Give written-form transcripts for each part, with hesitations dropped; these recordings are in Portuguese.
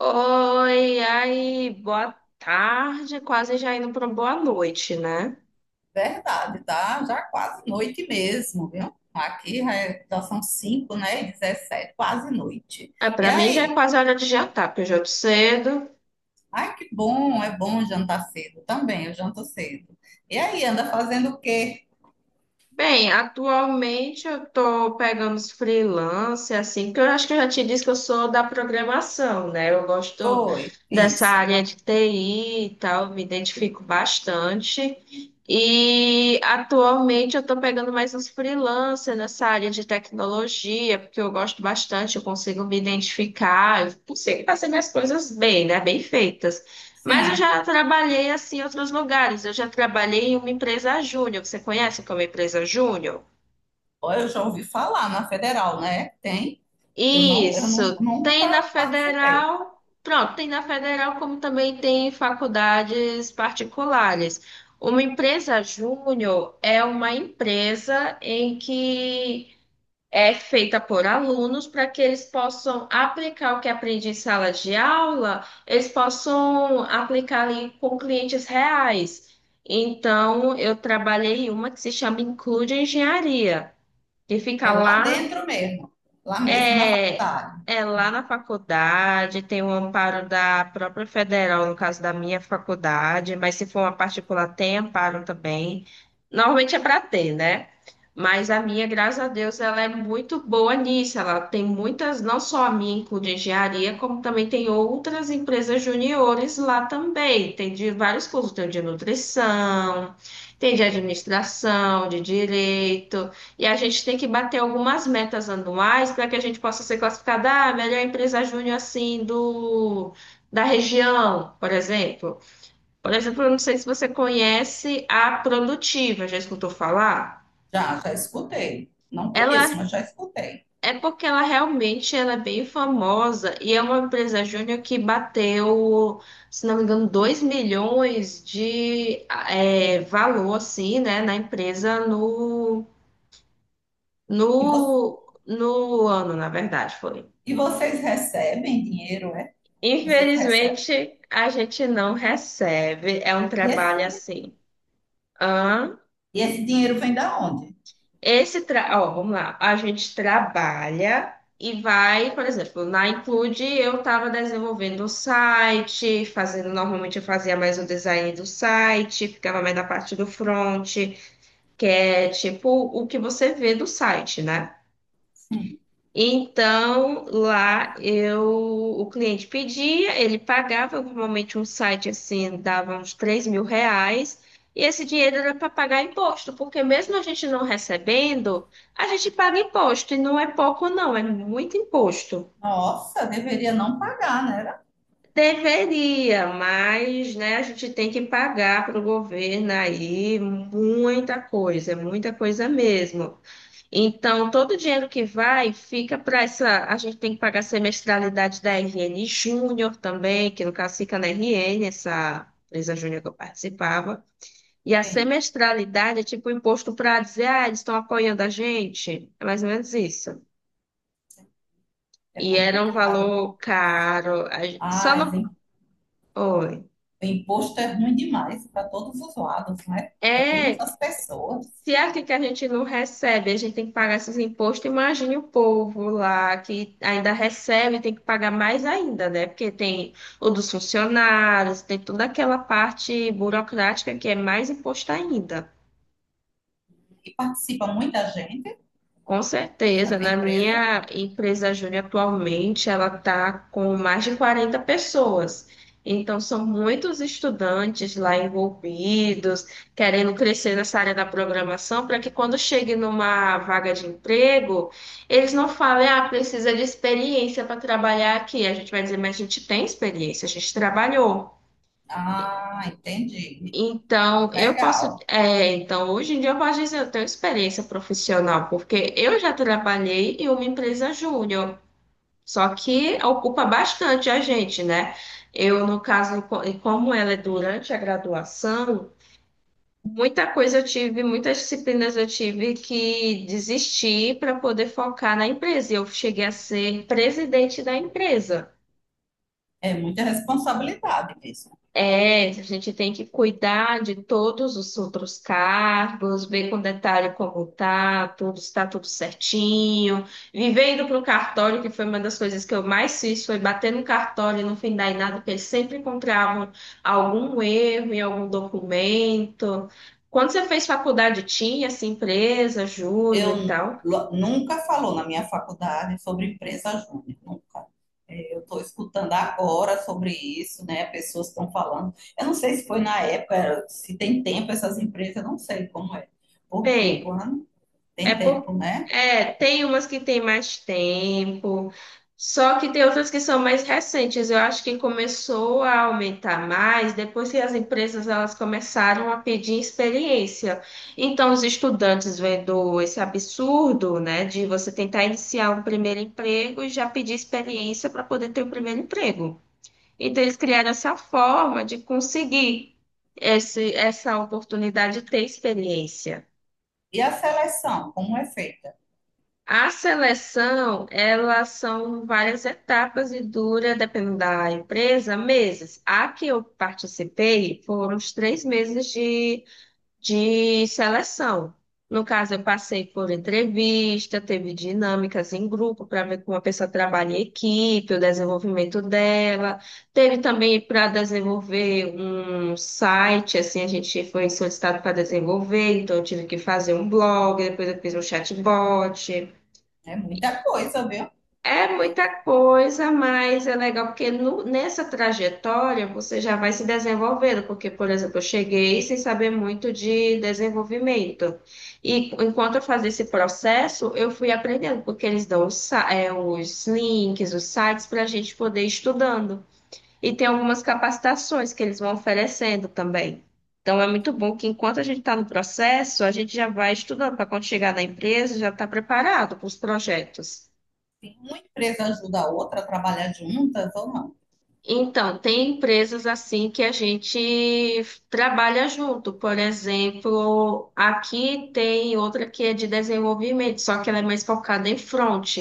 Oi, aí, boa tarde, quase já indo para boa noite, né? Verdade, tá? Já quase noite mesmo, viu? Aqui já, já são 5, né? E 17, quase noite. É, E para mim já é aí? quase hora de jantar, porque eu janto cedo. Ai, que bom, é bom jantar cedo também, eu janto cedo. E aí, anda fazendo o quê? Bem, atualmente eu estou pegando os freelance, assim, porque eu acho que eu já te disse que eu sou da programação, né? Eu gosto Foi, dessa isso. área de TI e tal, me identifico bastante. E atualmente eu estou pegando mais uns freelancers nessa área de tecnologia, porque eu gosto bastante, eu consigo me identificar, eu consigo fazer minhas coisas bem, né? Bem feitas. Mas eu Sim. já trabalhei assim em outros lugares. Eu já trabalhei em uma empresa júnior. Você conhece como empresa júnior? Ó, eu já ouvi falar na Federal, né? Tem, que eu não, Isso. Tem na nunca participei. federal. Pronto, tem na federal, como também tem em faculdades particulares. Uma empresa júnior é uma empresa em que é feita por alunos para que eles possam aplicar o que aprende em sala de aula, eles possam aplicar ali com clientes reais. Então, eu trabalhei em uma que se chama Include Engenharia, que É fica lá lá dentro mesmo, lá mesmo na é, faculdade. é lá na faculdade, tem o amparo da própria federal, no caso da minha faculdade, mas se for uma particular, tem amparo também. Normalmente é para ter, né? Mas a minha, graças a Deus, ela é muito boa nisso. Ela tem muitas, não só a minha, incluindo engenharia, como também tem outras empresas juniores lá também. Tem de vários cursos, tem o de nutrição, tem de administração, de direito. E a gente tem que bater algumas metas anuais para que a gente possa ser classificada a ah, melhor empresa júnior assim do da região, por exemplo. Por exemplo, eu não sei se você conhece a Produtiva, já escutou falar? Já, já escutei. Não conheço, Ela mas já escutei. É porque ela realmente ela é bem famosa e é uma empresa júnior que bateu, se não me engano, 2 milhões de é, valor assim, né, na empresa no, E você? no ano, na verdade, foi. E vocês recebem dinheiro, é? Vocês recebem? Infelizmente, a gente não recebe. É um E esse, trabalho assim. Hã? e esse dinheiro vem da onde? Esse tra... Ó, vamos lá. A gente trabalha e vai, por exemplo, na Include eu estava desenvolvendo o site, fazendo, normalmente eu fazia mais o design do site, ficava mais na parte do front, que é tipo o que você vê do site, né? Sim. Então, lá eu, o cliente pedia, ele pagava, normalmente um site assim dava uns R$ 3.000, e esse dinheiro era para pagar imposto, porque mesmo a gente não recebendo, a gente paga imposto, e não é pouco não, é muito imposto. Nossa, deveria não pagar, né? Deveria, mas né, a gente tem que pagar para o governo aí muita coisa mesmo. Então, todo o dinheiro que vai fica para essa. A gente tem que pagar a semestralidade da RN Júnior também, que no caso fica na RN, essa empresa júnior que eu participava. E a Bem, semestralidade é tipo imposto para dizer, ah, eles estão apoiando a gente. É mais ou menos isso. é E era um complicado. valor caro. A gen- Só Ah, esse no. im- Oi. Imposto é ruim demais para todos os lados, né? Para todas É, as pessoas. se é aqui que a gente não recebe, a gente tem que pagar esses impostos, imagine o povo lá que ainda recebe, tem que pagar mais ainda, né? Porque tem o dos funcionários, tem toda aquela parte burocrática que é mais imposto ainda. E participa muita gente Com dessa certeza, na empresa. minha empresa Júnior atualmente, ela está com mais de 40 pessoas. Então, são muitos estudantes lá envolvidos, querendo crescer nessa área da programação, para que quando chegue numa vaga de emprego, eles não falem, ah, precisa de experiência para trabalhar aqui. A gente vai dizer, mas a gente tem experiência, a gente trabalhou. Ah, entendi. Então, eu posso. Legal. É, então, hoje em dia eu posso dizer, que eu tenho experiência profissional, porque eu já trabalhei em uma empresa júnior, só que ocupa bastante a gente, né? Eu, no caso, co- como ela é durante a graduação, muita coisa eu tive, muitas disciplinas eu tive que desistir para poder focar na empresa. E eu cheguei a ser presidente da empresa. É muita responsabilidade mesmo. É, a gente tem que cuidar de todos os outros cargos, ver com detalhe como tá, tudo está tudo certinho. Viver indo para o cartório, que foi uma das coisas que eu mais fiz, foi bater no cartório e não findar em nada, porque eles sempre encontravam algum erro em algum documento. Quando você fez faculdade, tinha essa empresa, Júnior e Eu tal? Nunca falou na minha faculdade sobre empresa júnior, nunca. É, eu estou escutando agora sobre isso, né? Pessoas estão falando. Eu não sei se foi na época, se tem tempo essas empresas, eu não sei como é. Porque Bem. quando É tem por... tempo, né? é, tem umas que tem mais tempo, só que tem outras que são mais recentes. Eu acho que começou a aumentar mais depois que as empresas elas começaram a pedir experiência. Então, os estudantes vendo esse absurdo, né, de você tentar iniciar um primeiro emprego e já pedir experiência para poder ter o primeiro emprego. Então, eles criaram essa forma de conseguir essa oportunidade de ter experiência. E a seleção, como é feita? A seleção, elas são várias etapas e dura, dependendo da empresa, meses. A que eu participei foram os três meses de seleção. No caso, eu passei por entrevista, teve dinâmicas em grupo para ver como a pessoa trabalha em equipe, o desenvolvimento dela. Teve também para desenvolver um site, assim, a gente foi solicitado para desenvolver, então eu tive que fazer um blog, depois eu fiz um chatbot. É muita coisa, viu? É Tem, muita coisa, mas é legal porque no- nessa trajetória você já vai se desenvolvendo, porque, por exemplo, eu cheguei sem saber muito de desenvolvimento. E enquanto eu fazia esse processo, eu fui aprendendo, porque eles dão os, sa- é, os links, os sites para a gente poder ir estudando. E tem algumas capacitações que eles vão oferecendo também. Então é muito bom que enquanto a gente está no processo, a gente já vai estudando para quando chegar na empresa, já está preparado para os projetos. tem- uma empresa ajuda a outra a trabalhar juntas ou não? Então, tem empresas assim que a gente trabalha junto. Por exemplo, aqui tem outra que é de desenvolvimento, só que ela é mais focada em front.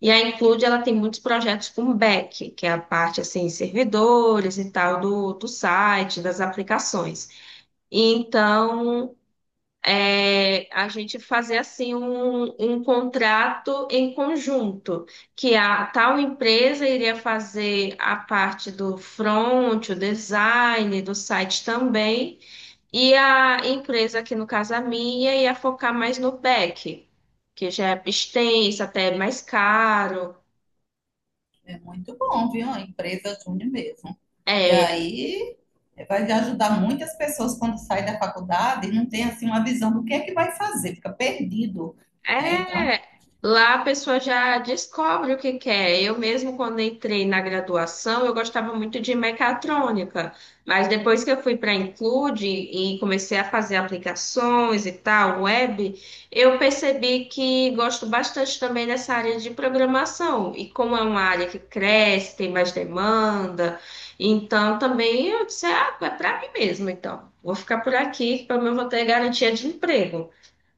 E a Include, ela tem muitos projetos com back, que é a parte assim, servidores e tal do site, das aplicações. Então, é, a gente fazer assim um contrato em conjunto, que a tal empresa iria fazer a parte do front, o design do site também, e a empresa, que no caso a minha, ia focar mais no back, que já é extensa, até é mais caro. É muito bom, viu? A empresa Júnior mesmo. Que É, aí vai ajudar muitas pessoas quando sai da faculdade e não tem assim uma visão do que é que vai fazer, fica perdido, né? Então, É, Lá a pessoa já descobre o que quer. Eu mesmo, quando entrei na graduação, eu gostava muito de mecatrônica, mas depois que eu fui para a Include e comecei a fazer aplicações e tal, web, eu percebi que gosto bastante também dessa área de programação. E como é uma área que cresce, tem mais demanda, então também eu disse, ah, é para mim mesmo, então. Vou ficar por aqui, pelo menos vou ter garantia de emprego.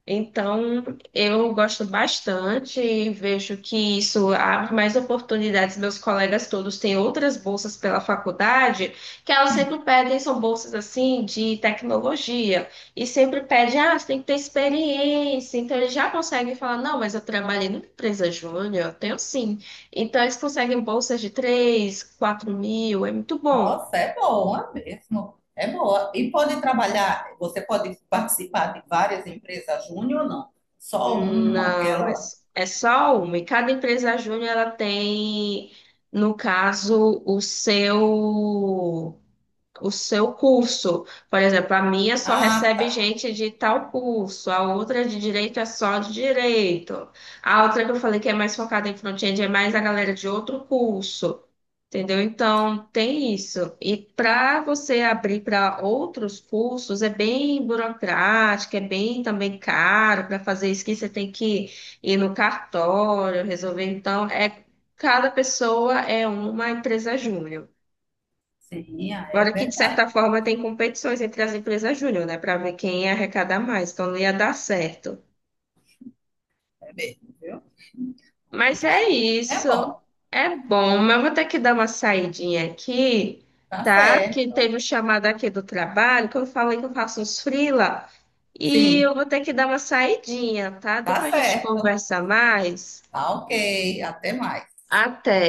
Então, eu gosto bastante, vejo que isso abre mais oportunidades. Meus colegas todos têm outras bolsas pela faculdade, que elas sempre pedem, são bolsas assim de tecnologia, e sempre pedem, ah, você tem que ter experiência. Então, eles já conseguem falar, não, mas eu trabalhei numa empresa júnior, eu tenho sim. Então, eles conseguem bolsas de 3, 4 mil, é muito bom. nossa, é boa mesmo. É boa. E pode trabalhar, você pode participar de várias empresas Júnior ou não? Só uma, Não, aquela é lá. s- é só uma. E cada empresa júnior ela tem, no caso, o seu curso. Por exemplo, a minha só Ah, recebe tá. gente de tal curso, a outra de direito é só de direito. A outra que eu falei que é mais focada em front-end é mais a galera de outro curso. Entendeu? Então, tem isso. E para você abrir para outros cursos, é bem burocrático, é bem também caro. Para fazer isso que você tem que ir no cartório, resolver. Então, é cada pessoa é uma empresa júnior. Sim, ah, é Agora que, de certa verdade. forma, tem competições entre as empresas júnior, né? Para ver quem ia arrecadar mais, então não ia dar certo. É mesmo, viu? Mas é Complicado, mas também é isso. bom. É bom, mas eu vou ter que dar uma saidinha aqui, Tá tá? Porque certo. teve um chamado aqui do trabalho, que eu falei que eu faço uns freela. E Sim, eu vou ter que dar uma saidinha, tá? tá Depois a gente certo. conversa mais. Tá ok, até mais. Até.